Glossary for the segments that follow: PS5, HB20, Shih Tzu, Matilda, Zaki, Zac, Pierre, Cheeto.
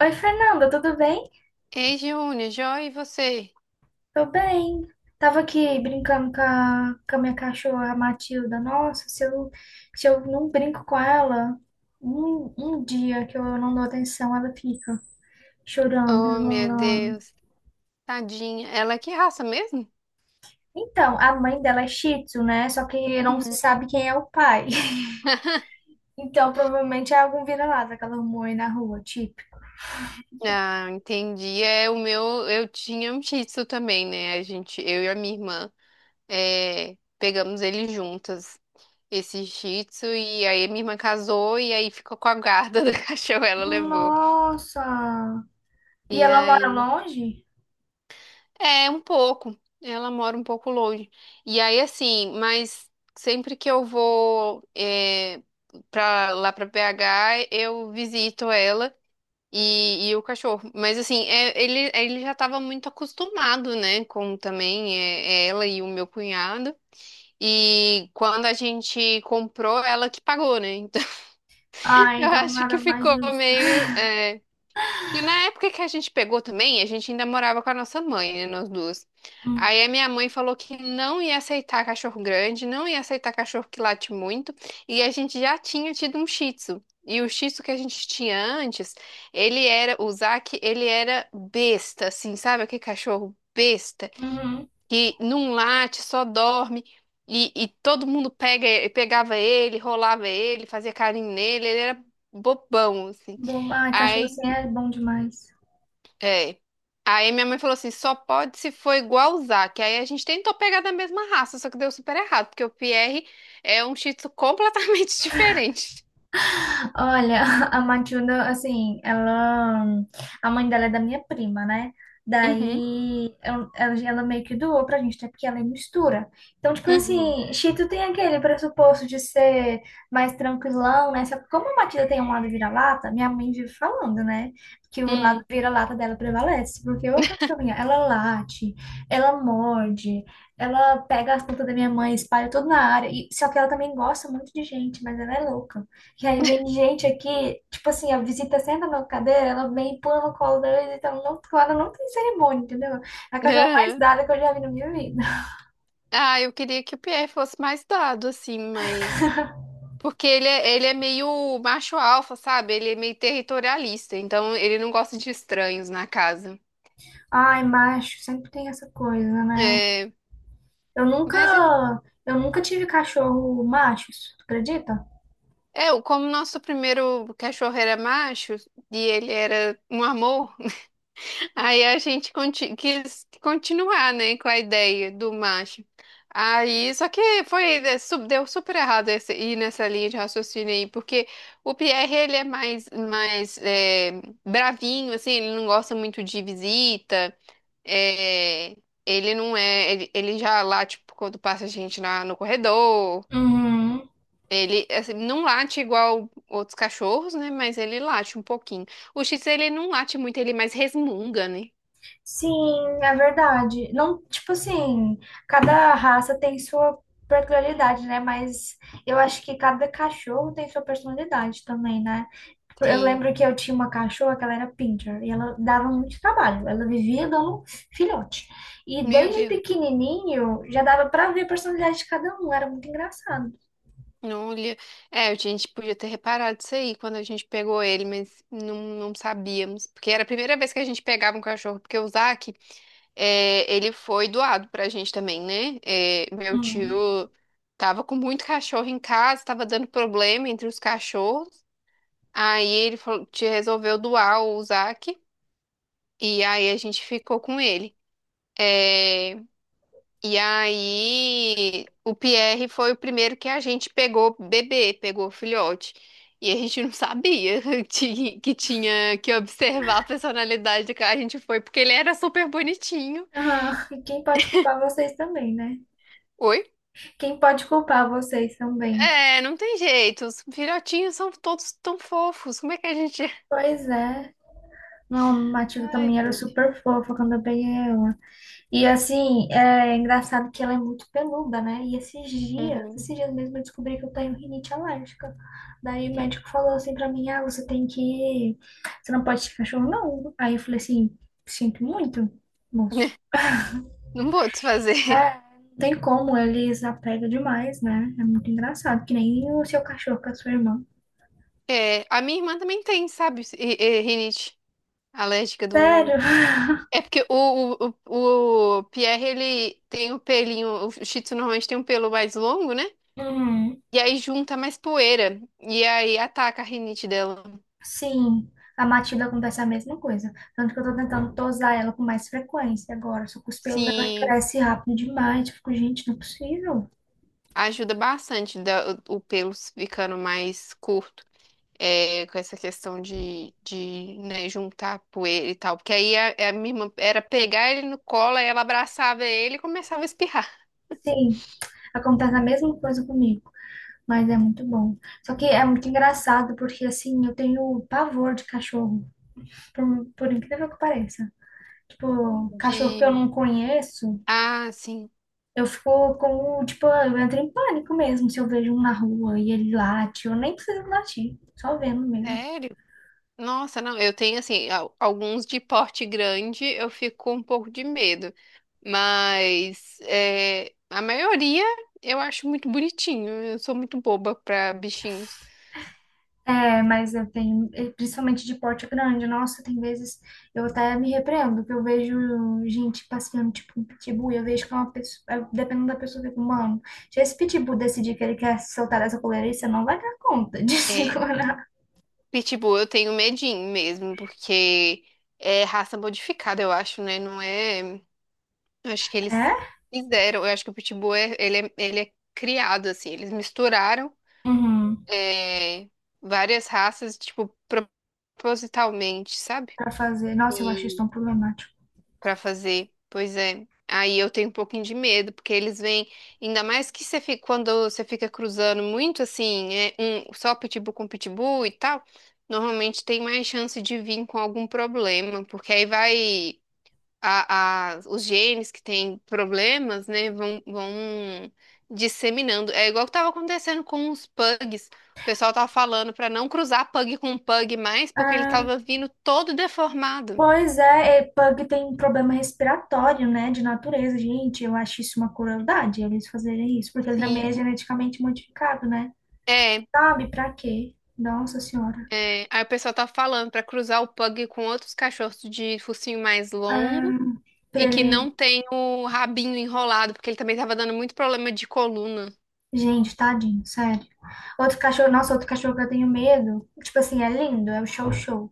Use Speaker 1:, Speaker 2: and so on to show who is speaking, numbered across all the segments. Speaker 1: Oi, Fernanda, tudo bem?
Speaker 2: Ei, Júnior, joia, e você?
Speaker 1: Tô bem. Tava aqui brincando com a minha cachorra a Matilda. Nossa, se eu não brinco com ela, um dia que eu não dou atenção, ela fica chorando,
Speaker 2: Oh, meu
Speaker 1: resmungando.
Speaker 2: Deus, tadinha. Ela é que raça mesmo?
Speaker 1: Então, a mãe dela é Shih Tzu, né? Só que não se
Speaker 2: Uhum.
Speaker 1: sabe quem é o pai. Então, provavelmente é algum vira-lata que ela arrumou aí na rua, tipo.
Speaker 2: Ah, entendi. É o meu, eu tinha um Shih Tzu também, né? A gente, eu e a minha irmã, pegamos ele juntas, esse Shih Tzu, e aí a minha irmã casou e aí ficou com a guarda do cachorro, ela levou.
Speaker 1: Nossa! E
Speaker 2: E
Speaker 1: ela mora
Speaker 2: aí
Speaker 1: longe?
Speaker 2: é, um pouco. Ela mora um pouco longe. E aí, assim, mas sempre que eu vou pra, lá pra BH, eu visito ela e o cachorro. Mas, assim, ele já tava muito acostumado, né, com também ela e o meu cunhado. E quando a gente comprou, ela que pagou, né? Então,
Speaker 1: Ah,
Speaker 2: eu
Speaker 1: então
Speaker 2: acho que
Speaker 1: nada mais
Speaker 2: ficou
Speaker 1: justo.
Speaker 2: meio. Porque na época que a gente pegou também, a gente ainda morava com a nossa mãe, né, nós duas.
Speaker 1: Hum.
Speaker 2: Aí a minha mãe falou que não ia aceitar cachorro grande, não ia aceitar cachorro que late muito, e a gente já tinha tido um Shih Tzu. E o Shih Tzu que a gente tinha antes, o Zaki, ele era besta, assim, sabe? Aquele cachorro besta,
Speaker 1: Uhum.
Speaker 2: que não late, só dorme. E todo mundo pegava ele, rolava ele, fazia carinho nele, ele era bobão, assim.
Speaker 1: Bom, ai, cachorro
Speaker 2: Aí
Speaker 1: assim é bom demais.
Speaker 2: é. Aí minha mãe falou assim, só pode se for igual o Zac. Aí a gente tentou pegar da mesma raça, só que deu super errado, porque o Pierre é um Shih Tzu completamente diferente.
Speaker 1: Olha, a Matilda, assim, ela. A mãe dela é da minha prima, né?
Speaker 2: Uhum,
Speaker 1: Daí ela, ela meio que doou pra gente, até porque ela é mistura. Então, tipo
Speaker 2: uhum,
Speaker 1: assim, Cheeto tem aquele pressuposto de ser mais tranquilão, né? Só que como a Matilda tem um lado vira-lata, minha mãe vive falando, né? Que o lado
Speaker 2: uhum,
Speaker 1: vira-lata dela prevalece. Porque ô cachorrinha, ela late, ela morde, ela pega as plantas da minha mãe, espalha tudo na área. E, só que ela também gosta muito de gente, mas ela é louca. E aí vem gente aqui, tipo assim, a visita senta na cadeira, ela vem e pula no colo da visita então não, ela não tem cerimônia, entendeu? É a cachorra mais
Speaker 2: aham.
Speaker 1: dada que eu já vi na minha vida.
Speaker 2: Ah, eu queria que o Pierre fosse mais dado, assim, mas... Porque ele é meio macho alfa, sabe? Ele é meio territorialista, então ele não gosta de estranhos na casa.
Speaker 1: Ai, macho, sempre tem essa coisa, né?
Speaker 2: É,
Speaker 1: Eu
Speaker 2: mas
Speaker 1: nunca, eu nunca tive cachorro machos, tu acredita?
Speaker 2: como o nosso primeiro cachorro era macho e ele era um amor. Aí a gente quis continuar, né, com a ideia do macho. Aí, só que foi, deu super errado esse, ir nessa linha de raciocínio aí, porque o Pierre, mais bravinho, assim, ele não gosta muito de visita, é, ele não é, ele já late tipo, quando passa gente no corredor,
Speaker 1: Uhum.
Speaker 2: ele, assim, não late igual outros cachorros, né, mas ele late um pouquinho. O X, ele não late muito, ele é mais resmunga, né?
Speaker 1: Sim, é verdade. Não, tipo assim, cada raça tem sua peculiaridade, né? Mas eu acho que cada cachorro tem sua personalidade também, né? Eu
Speaker 2: Sim.
Speaker 1: lembro que eu tinha uma cachorra que ela era pincher e ela dava muito trabalho. Ela vivia dando filhote. E
Speaker 2: Meu
Speaker 1: desde
Speaker 2: Deus,
Speaker 1: pequenininho já dava pra ver a personalidade de cada um. Era muito engraçado.
Speaker 2: não olhei. É, a gente podia ter reparado isso aí quando a gente pegou ele, mas não, não sabíamos. Porque era a primeira vez que a gente pegava um cachorro, porque o Zac, ele foi doado pra gente também, né? É, meu
Speaker 1: Hum.
Speaker 2: tio tava com muito cachorro em casa, tava dando problema entre os cachorros. Aí ele falou, te resolveu doar o Zac, e aí a gente ficou com ele. É, e aí, o Pierre foi o primeiro que a gente pegou bebê, pegou filhote. E a gente não sabia que tinha que observar a personalidade do cara. A gente foi porque ele era super bonitinho.
Speaker 1: Ah, e quem pode culpar vocês também, né?
Speaker 2: Oi?
Speaker 1: Quem pode culpar vocês também?
Speaker 2: É, não tem jeito. Os filhotinhos são todos tão fofos. Como é que a gente.
Speaker 1: Pois é. Não, a Matilda
Speaker 2: Ai,
Speaker 1: também era
Speaker 2: gente.
Speaker 1: super fofa quando eu peguei ela. E assim, é engraçado que ela é muito peluda, né? E esses dias,
Speaker 2: Uhum.
Speaker 1: esses dias mesmo eu descobri que eu tenho rinite alérgica. Daí o médico falou assim pra mim, ah, você tem que... Você não pode ter cachorro, não. Aí eu falei assim, sinto muito, moço.
Speaker 2: Não vou desfazer.
Speaker 1: É, não tem como, eles apegam demais, né? É muito engraçado, que nem o seu cachorro com a sua irmã.
Speaker 2: É, a minha irmã também tem, sabe? Rinite alérgica
Speaker 1: Sério?
Speaker 2: do. É porque o Pierre, ele tem o pelinho, o Shih Tzu normalmente tem um pelo mais longo, né?
Speaker 1: Uhum.
Speaker 2: E aí junta mais poeira. E aí ataca a rinite dela.
Speaker 1: Sim, a Matilda acontece a mesma coisa. Tanto que eu tô tentando tosar ela com mais frequência agora. Só que os pelos dela
Speaker 2: Sim,
Speaker 1: crescem rápido demais. Eu fico, gente, não é possível.
Speaker 2: ajuda bastante o pelo ficando mais curto. É, com essa questão de né, juntar poeira e tal. Porque aí a- minha irmã era pegar ele no colo, aí ela abraçava ele e começava a espirrar.
Speaker 1: Sim, acontece a mesma coisa comigo. Mas é muito bom. Só que é muito engraçado, porque assim, eu tenho pavor de cachorro, por, por incrível que pareça. Tipo, cachorro que eu
Speaker 2: De...
Speaker 1: não conheço,
Speaker 2: Ah, sim.
Speaker 1: eu fico com, tipo, eu entro em pânico mesmo se eu vejo um na rua e ele late. Eu nem preciso latir, só vendo mesmo.
Speaker 2: Sério? Nossa, não, eu tenho assim, alguns de porte grande eu fico com um pouco de medo, mas é, a maioria eu acho muito bonitinho. Eu sou muito boba pra bichinhos.
Speaker 1: É, mas eu tenho, principalmente de porte grande, nossa, tem vezes eu até me repreendo, que eu vejo gente passeando tipo um pitbull, e eu vejo que é uma pessoa, dependendo da pessoa, eu fico, mano, se esse pitbull decidir que ele quer se soltar dessa coleira, aí, você não vai dar conta de
Speaker 2: É,
Speaker 1: segurar.
Speaker 2: pitbull eu tenho medinho mesmo, porque é raça modificada, eu acho, né? Não é. Acho que eles
Speaker 1: É?
Speaker 2: fizeram. Eu acho que ele é criado assim, eles misturaram
Speaker 1: Uhum.
Speaker 2: é, várias raças, tipo, propositalmente, sabe?
Speaker 1: Pra fazer. Nossa, eu acho isso tão problemático.
Speaker 2: Pra fazer. Pois é. Aí eu tenho um pouquinho de medo, porque eles vêm, ainda mais que quando você fica cruzando muito assim, é um só pitbull com pitbull e tal, normalmente tem mais chance de vir com algum problema, porque aí vai os genes que têm problemas, né, vão disseminando. É igual que tava acontecendo com os pugs. O pessoal tava falando pra não cruzar pug com pug mais, porque ele
Speaker 1: Ah,
Speaker 2: tava vindo todo deformado.
Speaker 1: pois é, é, pug tem problema respiratório, né, de natureza, gente, eu acho isso uma crueldade, eles fazerem isso, porque ele também
Speaker 2: Sim.
Speaker 1: é geneticamente modificado, né?
Speaker 2: É,
Speaker 1: Sabe, pra quê? Nossa senhora.
Speaker 2: é, aí o pessoal tá falando pra cruzar o pug com outros cachorros de focinho mais longo
Speaker 1: Ah, pra
Speaker 2: e que
Speaker 1: ele.
Speaker 2: não tem o rabinho enrolado, porque ele também tava dando muito problema de coluna.
Speaker 1: Gente, tadinho, sério. Outro cachorro, nossa, outro cachorro que eu tenho medo. Tipo assim, é lindo, é o show show.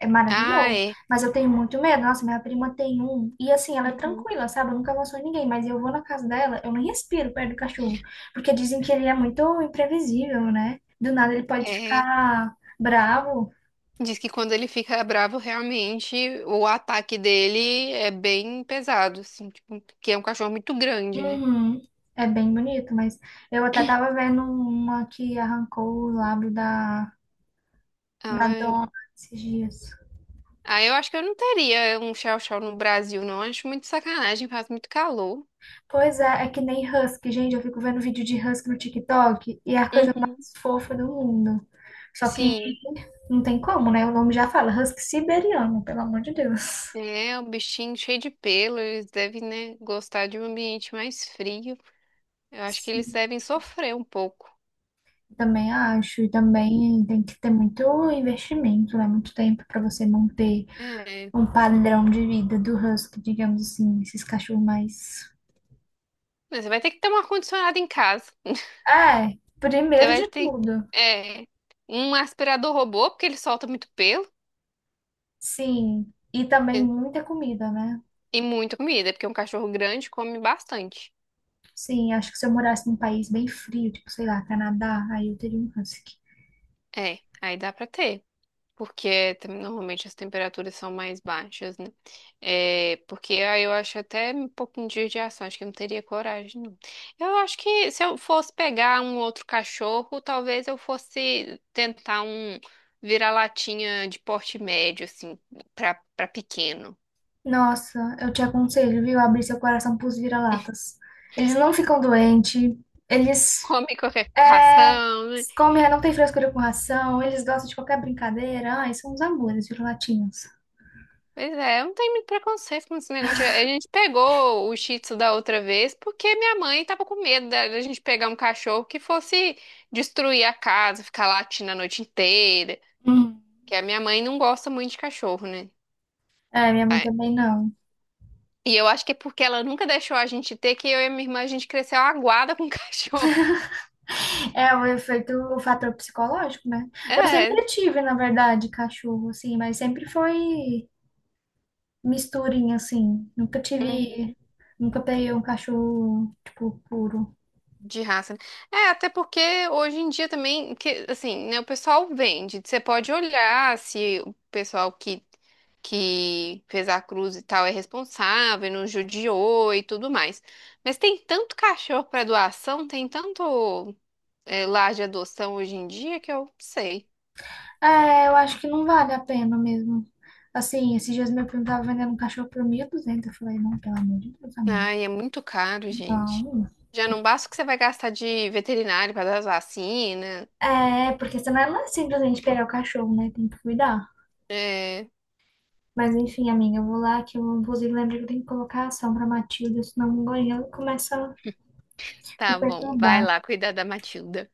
Speaker 1: É
Speaker 2: Ah,
Speaker 1: maravilhoso.
Speaker 2: é.
Speaker 1: Mas eu tenho muito medo. Nossa, minha prima tem um. E assim, ela é
Speaker 2: Uhum.
Speaker 1: tranquila, sabe? Eu nunca avançou em ninguém. Mas eu vou na casa dela, eu não respiro perto do cachorro. Porque dizem que ele é muito imprevisível, né? Do nada ele pode
Speaker 2: É.
Speaker 1: ficar bravo.
Speaker 2: Diz que quando ele fica bravo, realmente o ataque dele é bem pesado, assim, tipo, porque é um cachorro muito grande, né?
Speaker 1: Uhum. É bem bonito, mas eu até tava vendo uma que arrancou o lábio da na
Speaker 2: Ai.
Speaker 1: dona esses dias.
Speaker 2: Ah, eu acho que eu não teria um chow-chow no Brasil, não. Acho muito sacanagem, faz muito calor.
Speaker 1: Pois é, é que nem husky, gente. Eu fico vendo vídeo de husky no TikTok e é a coisa
Speaker 2: Uhum.
Speaker 1: mais fofa do mundo. Só que
Speaker 2: Sim.
Speaker 1: não tem como, né? O nome já fala husky siberiano, pelo amor de Deus.
Speaker 2: É, o bichinho cheio de pelo, eles devem, né, gostar de um ambiente mais frio. Eu acho que eles
Speaker 1: Sim,
Speaker 2: devem sofrer um pouco.
Speaker 1: também acho, e também tem que ter muito investimento, né? Muito tempo para você manter
Speaker 2: É.
Speaker 1: um padrão de vida do husky, digamos assim, esses cachorros mais.
Speaker 2: Mas você vai ter que ter um ar-condicionado em casa.
Speaker 1: É,
Speaker 2: Você
Speaker 1: primeiro
Speaker 2: vai
Speaker 1: de
Speaker 2: ter,
Speaker 1: tudo.
Speaker 2: é, um aspirador robô, porque ele solta muito pelo.
Speaker 1: Sim, e também
Speaker 2: E
Speaker 1: muita comida, né?
Speaker 2: muita comida, porque um cachorro grande come bastante.
Speaker 1: Sim, acho que se eu morasse num país bem frio, tipo, sei lá, Canadá, aí eu teria um husky.
Speaker 2: É, aí dá pra ter. Porque normalmente as temperaturas são mais baixas, né? É, porque aí eu acho até um pouquinho de judiação, acho que eu não teria coragem, não. Eu acho que se eu fosse pegar um outro cachorro, talvez eu fosse tentar um vira-latinha de porte médio, assim, pra pequeno.
Speaker 1: Nossa, eu te aconselho, viu, abrir seu coração pros vira-latas. Eles não ficam doentes, eles
Speaker 2: Come qualquer
Speaker 1: é,
Speaker 2: ração, né?
Speaker 1: comem, não tem frescura com ração, eles gostam de qualquer brincadeira. Ai, são uns amores, vira-latinhos.
Speaker 2: Pois é, eu não tenho muito preconceito com esse negócio. A gente pegou o Shih Tzu da outra vez porque minha mãe tava com medo da gente pegar um cachorro que fosse destruir a casa, ficar latindo a noite inteira.
Speaker 1: Hum.
Speaker 2: Que a minha mãe não gosta muito de cachorro, né?
Speaker 1: É, minha mãe
Speaker 2: Ah,
Speaker 1: também não.
Speaker 2: e eu acho que é porque ela nunca deixou a gente ter, que eu e a minha irmã a gente cresceu aguada com cachorro.
Speaker 1: É o efeito, o fator psicológico, né? Eu
Speaker 2: É.
Speaker 1: sempre tive, na verdade, cachorro, assim, mas sempre foi. Misturinha, assim. Nunca
Speaker 2: Uhum.
Speaker 1: tive. Nunca peguei um cachorro, tipo, puro.
Speaker 2: De raça. Né? É, até porque hoje em dia também, que, assim, né, o pessoal vende. Você pode olhar se o pessoal que fez a cruz e tal é responsável, não judiou e tudo mais. Mas tem tanto cachorro para doação, tem tanto lar de adoção hoje em dia que eu sei.
Speaker 1: É, eu acho que não vale a pena mesmo. Assim, esses dias meu primo tava vendendo um cachorro por 1.200. Eu falei, não, pelo amor de Deus, amigo.
Speaker 2: Ai, é muito caro, gente.
Speaker 1: Não.
Speaker 2: Já não basta o que você vai gastar de veterinário para dar as vacinas.
Speaker 1: É, porque senão não é simplesmente pegar o cachorro, né? Tem que cuidar.
Speaker 2: É,
Speaker 1: Mas enfim, amiga, eu vou lá que eu, inclusive, lembro que eu tenho que colocar ação pra Matilda, senão o gorila começa a me
Speaker 2: tá bom, vai
Speaker 1: perturbar.
Speaker 2: lá cuidar da Matilda.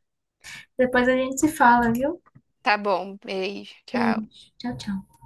Speaker 1: Depois a gente se fala, viu?
Speaker 2: Tá bom, beijo, tchau.
Speaker 1: Beijo. Tchau, tchau.